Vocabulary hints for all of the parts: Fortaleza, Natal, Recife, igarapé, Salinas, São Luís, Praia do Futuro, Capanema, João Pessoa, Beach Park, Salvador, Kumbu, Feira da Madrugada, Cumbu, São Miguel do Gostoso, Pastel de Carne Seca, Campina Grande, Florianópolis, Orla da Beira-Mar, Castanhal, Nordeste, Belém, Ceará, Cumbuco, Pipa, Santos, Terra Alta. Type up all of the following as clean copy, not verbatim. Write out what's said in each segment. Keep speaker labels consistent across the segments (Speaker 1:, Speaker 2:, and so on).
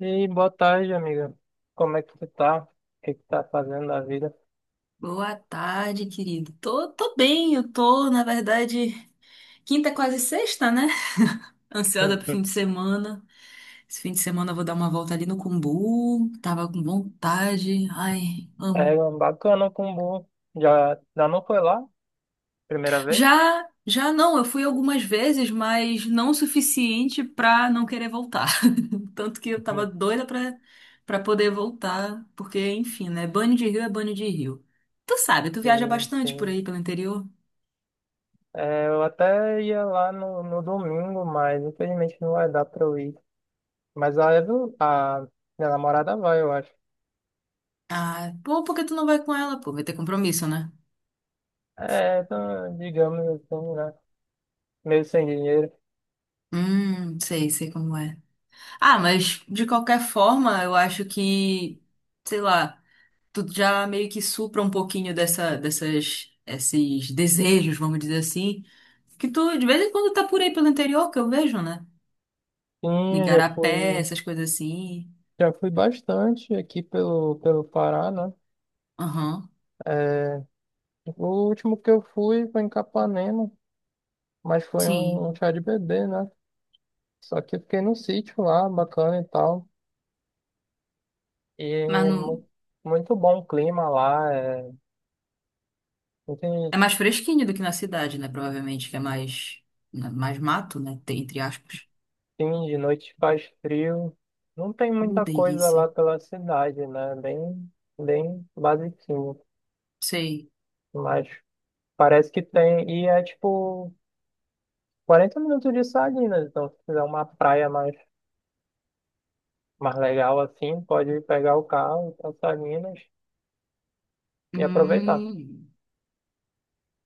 Speaker 1: E boa tarde, amiga. Como é que você tá? O que que tá fazendo da vida?
Speaker 2: Boa tarde, querido. Tô bem, eu tô, na verdade, quinta é quase sexta, né? Ansiosa pro fim de semana. Esse fim de semana eu vou dar uma volta ali no Cumbu. Tava com vontade. Ai,
Speaker 1: É
Speaker 2: amo.
Speaker 1: bacana o Kumbu. Já, já não foi lá? Primeira vez?
Speaker 2: Já, já não, eu fui algumas vezes, mas não o suficiente pra não querer voltar. Tanto que eu tava doida pra poder voltar, porque, enfim, né? Banho de rio é banho de rio. Tu sabe, tu viaja
Speaker 1: Sim,
Speaker 2: bastante por
Speaker 1: sim.
Speaker 2: aí pelo interior?
Speaker 1: É, eu até ia lá no domingo, mas infelizmente não vai dar pra eu ir. Mas a minha namorada vai, eu acho.
Speaker 2: Ah, pô, por que tu não vai com ela? Pô, vai ter compromisso, né?
Speaker 1: É, então, digamos assim, né? Meio sem dinheiro.
Speaker 2: Sei, sei como é. Ah, mas de qualquer forma, eu acho que, sei lá, tu já meio que supra um pouquinho dessa, dessas, esses desejos, vamos dizer assim, que tu de vez em quando tá por aí pelo interior, que eu vejo, né?
Speaker 1: Sim, eu
Speaker 2: Igarapé, essas coisas assim.
Speaker 1: já fui bastante aqui pelo Pará, né?
Speaker 2: Aham,
Speaker 1: É, o último que eu fui foi em Capanema, mas foi
Speaker 2: sim.
Speaker 1: um chá de bebê, né? Só que eu fiquei no sítio lá, bacana e tal. E
Speaker 2: Mas não.
Speaker 1: muito bom o clima lá. Não
Speaker 2: É
Speaker 1: Tem,
Speaker 2: mais fresquinho do que na cidade, né? Provavelmente, que é mais, né, mais mato, né? Entre aspas.
Speaker 1: tem de noite faz frio. Não tem muita coisa
Speaker 2: Delícia.
Speaker 1: lá pela cidade, né? Bem basiquinho.
Speaker 2: Sei.
Speaker 1: Mas parece que tem. E é tipo 40 minutos de Salinas. Então, se quiser uma praia mais legal assim, pode pegar o carro ir pra Salinas e aproveitar.
Speaker 2: Hum,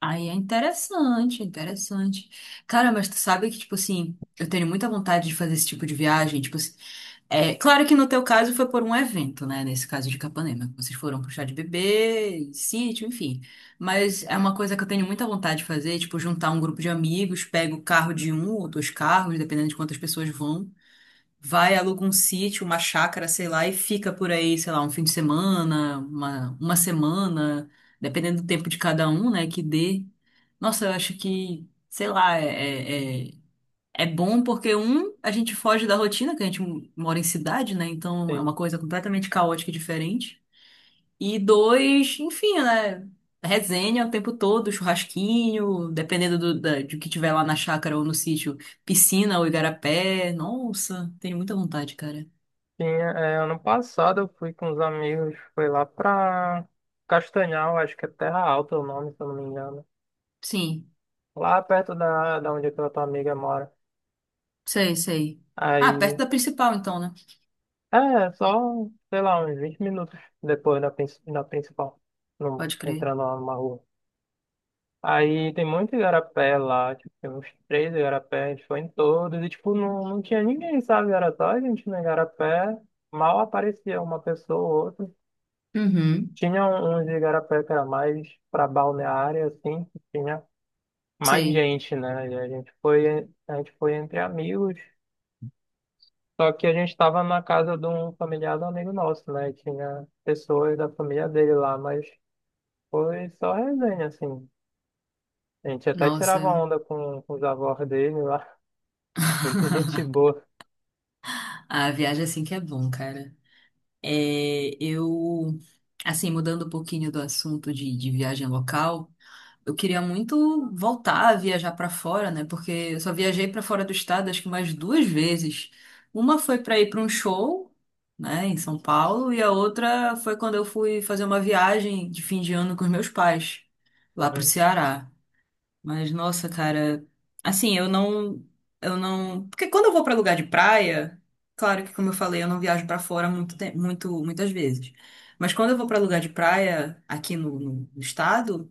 Speaker 2: Aí é interessante, é interessante. Cara, mas tu sabe que, tipo assim, eu tenho muita vontade de fazer esse tipo de viagem. Tipo assim, é claro que no teu caso foi por um evento, né? Nesse caso de Capanema. Vocês foram pro chá de bebê, sítio, enfim. Mas é uma coisa que eu tenho muita vontade de fazer, tipo, juntar um grupo de amigos, pego o carro de um ou dois carros, dependendo de quantas pessoas vão vai, aluga um sítio, uma chácara, sei lá, e fica por aí, sei lá, um fim de semana, uma semana, dependendo do tempo de cada um, né, que dê. Nossa, eu acho que, sei lá, é bom porque, um, a gente foge da rotina, que a gente mora em cidade, né, então é uma
Speaker 1: Sim.
Speaker 2: coisa completamente caótica e diferente. E dois, enfim, né, resenha o tempo todo, churrasquinho, dependendo do que tiver lá na chácara ou no sítio, piscina ou igarapé. Nossa, tenho muita vontade, cara.
Speaker 1: Sim, é, ano passado eu fui com os amigos, foi lá pra Castanhal, acho que é Terra Alta o nome, se eu não me engano.
Speaker 2: Sim,
Speaker 1: Lá perto da onde aquela tua amiga mora.
Speaker 2: sei, sei. Ah, perto
Speaker 1: Aí,
Speaker 2: da principal, então, né?
Speaker 1: é, só, sei lá, uns 20 minutos depois da principal,
Speaker 2: Pode crer.
Speaker 1: entrando lá numa rua. Aí tem muito igarapé lá, tipo, tem uns três igarapé, a gente foi em todos, e tipo, não tinha ninguém, sabe? Era só a gente no igarapé, mal aparecia uma pessoa ou outra.
Speaker 2: Uhum.
Speaker 1: Tinha uns igarapé que era mais para balneária, assim, que tinha mais
Speaker 2: Sei.
Speaker 1: gente, né? E a gente foi entre amigos, só que a gente estava na casa de um familiar do amigo nosso, né? E tinha pessoas da família dele lá, mas foi só resenha, assim. A gente até
Speaker 2: Nossa.
Speaker 1: tirava onda com os avós dele lá, muita gente boa.
Speaker 2: A viagem é assim que é bom, cara. É, eu, assim, mudando um pouquinho do assunto de viagem local. Eu queria muito voltar a viajar para fora, né? Porque eu só viajei para fora do estado acho que mais duas vezes. Uma foi para ir para um show, né, em São Paulo, e a outra foi quando eu fui fazer uma viagem de fim de ano com os meus pais, lá pro
Speaker 1: Uhum.
Speaker 2: Ceará. Mas nossa, cara, assim, eu não, porque quando eu vou para lugar de praia, claro que como eu falei, eu não viajo para fora muito, muito muitas vezes. Mas quando eu vou para lugar de praia aqui no estado,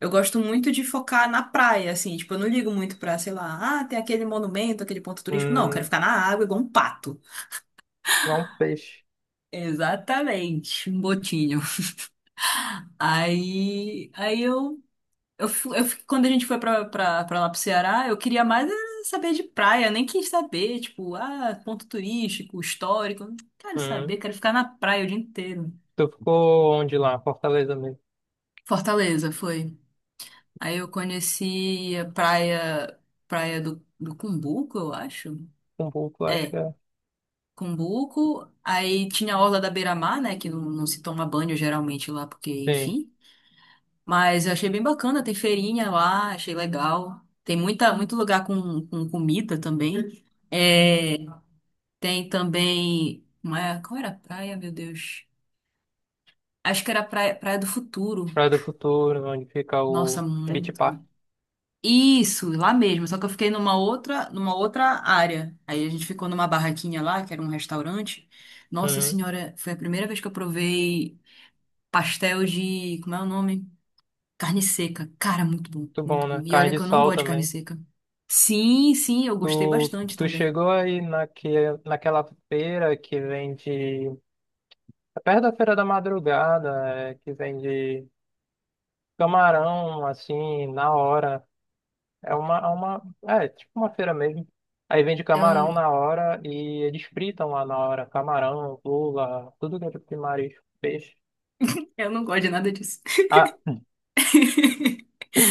Speaker 2: eu gosto muito de focar na praia, assim, tipo, eu não ligo muito pra, sei lá, ah, tem aquele monumento, aquele ponto turístico. Não, eu quero
Speaker 1: Hum,
Speaker 2: ficar na água igual um pato.
Speaker 1: não um peixe.
Speaker 2: Exatamente, um botinho. Aí eu, fu- eu fi- quando a gente foi pra lá pro Ceará, eu queria mais saber de praia, nem quis saber, tipo, ah, ponto turístico, histórico. Não quero
Speaker 1: Uhum.
Speaker 2: saber, quero ficar na praia o dia inteiro.
Speaker 1: Tu ficou onde lá? Fortaleza mesmo?
Speaker 2: Fortaleza foi. Aí eu conheci a praia, praia do Cumbuco, eu acho.
Speaker 1: Cumbuco, acho que
Speaker 2: É,
Speaker 1: é.
Speaker 2: Cumbuco, aí tinha a Orla da Beira-Mar, né, que não se toma banho geralmente lá, porque,
Speaker 1: Sim.
Speaker 2: enfim. Mas eu achei bem bacana, tem feirinha lá, achei legal. Tem muita, muito lugar com comida também. É, tem também, qual era a praia, meu Deus? Acho que era praia, Praia do Futuro.
Speaker 1: Praia do Futuro, onde fica
Speaker 2: Nossa,
Speaker 1: o Beach
Speaker 2: muito.
Speaker 1: Park.
Speaker 2: Isso, lá mesmo, só que eu fiquei numa outra área. Aí a gente ficou numa barraquinha lá, que era um restaurante. Nossa
Speaker 1: Uhum.
Speaker 2: senhora, foi a primeira vez que eu provei pastel de, como é o nome? Carne seca. Cara, muito bom,
Speaker 1: Muito
Speaker 2: muito
Speaker 1: bom,
Speaker 2: bom.
Speaker 1: né?
Speaker 2: E
Speaker 1: Carne
Speaker 2: olha
Speaker 1: de
Speaker 2: que eu não
Speaker 1: sol
Speaker 2: gosto de carne
Speaker 1: também.
Speaker 2: seca. Sim, sim, eu gostei
Speaker 1: Tu,
Speaker 2: bastante
Speaker 1: tu
Speaker 2: também.
Speaker 1: chegou aí naquela feira que vende. É perto da Feira da Madrugada, é, que vende camarão, assim, na hora. É uma. É, tipo uma feira mesmo. Aí vende camarão
Speaker 2: Eu,
Speaker 1: na hora e eles fritam lá na hora. Camarão, lula, tudo que é tipo de marisco, peixe.
Speaker 2: eu não gosto de nada disso.
Speaker 1: Ah,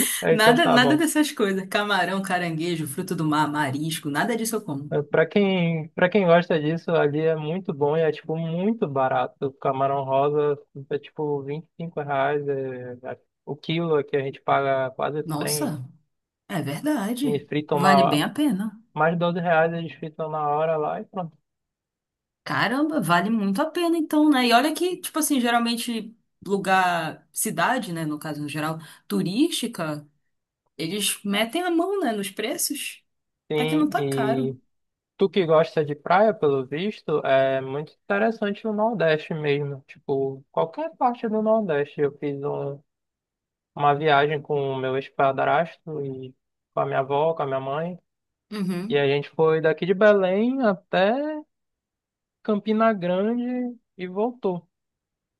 Speaker 1: então
Speaker 2: Nada,
Speaker 1: tá
Speaker 2: nada
Speaker 1: bom.
Speaker 2: dessas coisas. Camarão, caranguejo, fruto do mar, marisco, nada disso eu como.
Speaker 1: Para quem gosta disso, ali é muito bom e é, tipo, muito barato. O camarão rosa é, tipo, R$ 25 é, o quilo aqui a gente paga quase trem
Speaker 2: Nossa, é
Speaker 1: e
Speaker 2: verdade.
Speaker 1: fritam na
Speaker 2: Vale bem
Speaker 1: hora.
Speaker 2: a pena.
Speaker 1: Mais R$ 12 eles fritam na hora lá e pronto.
Speaker 2: Caramba, vale muito a pena então, né? E olha que, tipo assim, geralmente lugar, cidade, né, no caso no geral, turística, eles metem a mão, né, nos preços. Até que não
Speaker 1: Sim,
Speaker 2: tá caro.
Speaker 1: e tu que gosta de praia, pelo visto, é muito interessante o Nordeste mesmo. Tipo, qualquer parte do Nordeste. Eu fiz uma viagem com o meu ex-padrasto e com a minha avó, com a minha mãe. E a
Speaker 2: Uhum.
Speaker 1: gente foi daqui de Belém até Campina Grande e voltou.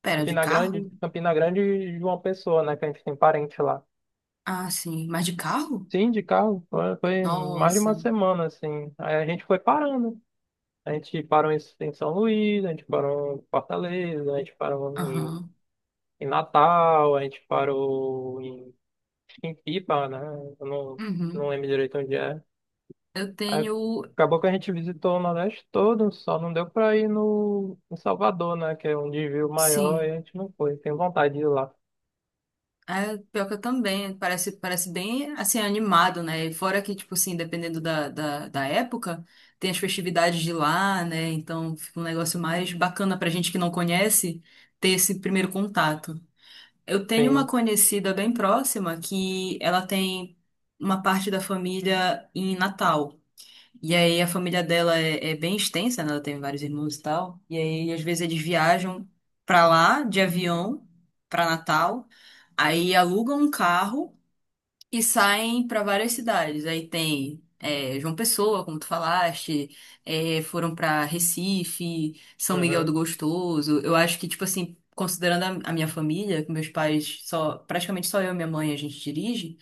Speaker 2: Pera, de
Speaker 1: Campina Grande,
Speaker 2: carro?
Speaker 1: Campina Grande e João Pessoa, né? Que a gente tem parente lá.
Speaker 2: Ah, sim. Mas de carro?
Speaker 1: Sim, de carro. Foi mais de uma
Speaker 2: Nossa.
Speaker 1: semana, assim. Aí a gente foi parando. A gente parou em São Luís, a gente parou em Fortaleza, a gente parou em,
Speaker 2: Aham.
Speaker 1: em Natal, a gente parou em Pipa, né? Eu não
Speaker 2: Uhum.
Speaker 1: lembro direito onde é.
Speaker 2: Eu
Speaker 1: Aí
Speaker 2: tenho.
Speaker 1: acabou que a gente visitou o Nordeste todo, só não deu pra ir no em Salvador, né? Que é um desvio maior e a
Speaker 2: Sim.
Speaker 1: gente não foi. Tem vontade de ir lá.
Speaker 2: É, pior que eu também. Parece bem, assim, animado, né? E fora que, tipo assim, dependendo da época, tem as festividades de lá, né? Então fica um negócio mais bacana pra gente que não conhece ter esse primeiro contato. Eu tenho uma
Speaker 1: Sim.
Speaker 2: conhecida bem próxima que ela tem uma parte da família em Natal. E aí a família dela é bem extensa, né? Ela tem vários irmãos e tal. E aí às vezes eles viajam pra lá de avião, pra Natal. Aí alugam um carro e saem pra várias cidades. Aí tem João Pessoa, como tu falaste, foram pra Recife, São Miguel do
Speaker 1: Uhum.
Speaker 2: Gostoso. Eu acho que tipo assim, considerando a minha família, que meus pais só praticamente só eu e minha mãe a gente dirige.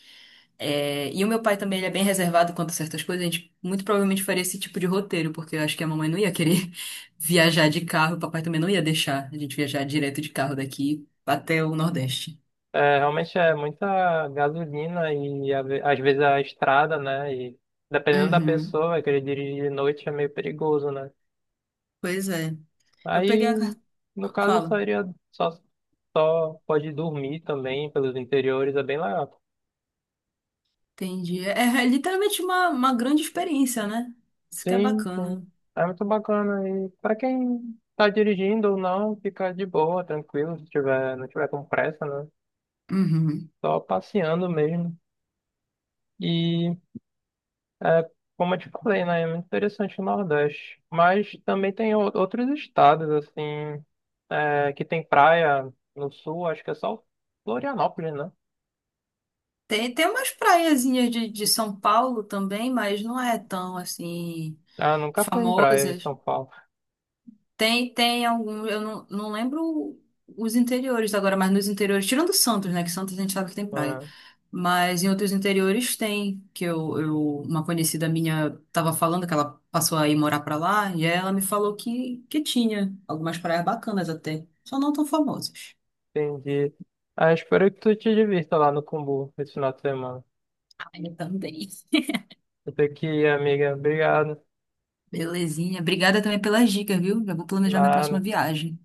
Speaker 2: É, e o meu pai também, ele é bem reservado quanto a certas coisas. A gente muito provavelmente faria esse tipo de roteiro, porque eu acho que a mamãe não ia querer viajar de carro, o papai também não ia deixar a gente viajar direto de carro daqui até o Nordeste.
Speaker 1: É, realmente é muita gasolina e às vezes a estrada, né? E dependendo da
Speaker 2: Uhum.
Speaker 1: pessoa, querer dirigir de noite é meio perigoso, né?
Speaker 2: Pois é. Eu
Speaker 1: Aí,
Speaker 2: peguei a carta.
Speaker 1: no caso, eu
Speaker 2: Fala.
Speaker 1: sairia só. Só pode dormir também pelos interiores, é bem legal.
Speaker 2: Entendi. É literalmente uma grande experiência, né? Isso que é
Speaker 1: Sim, sim.
Speaker 2: bacana.
Speaker 1: É muito bacana. E para quem tá dirigindo ou não, fica de boa, tranquilo, se tiver, não tiver com pressa, né?
Speaker 2: Uhum.
Speaker 1: Só passeando mesmo. E é, como eu te falei, né? É muito interessante o Nordeste. Mas também tem outros estados, assim, é, que tem praia no sul, acho que é só Florianópolis, né?
Speaker 2: Tem umas praiazinhas de São Paulo também, mas não é tão assim
Speaker 1: Ah, nunca fui em praia em
Speaker 2: famosas.
Speaker 1: São Paulo.
Speaker 2: Tem algum. Eu não lembro os interiores agora, mas nos interiores, tirando Santos, né? Que Santos a gente sabe que tem praia.
Speaker 1: Ah,
Speaker 2: Mas em outros interiores tem, que eu uma conhecida minha estava falando que ela passou a ir morar pra lá, e ela me falou que tinha algumas praias bacanas até, só não tão famosas.
Speaker 1: entendi. Ah, espero que tu te divirta lá no Cumbu esse final de semana.
Speaker 2: Ah, eu também.
Speaker 1: Até aqui, amiga. Obrigado.
Speaker 2: Belezinha. Obrigada também pelas dicas, viu? Já vou planejar minha próxima
Speaker 1: Nada.
Speaker 2: viagem.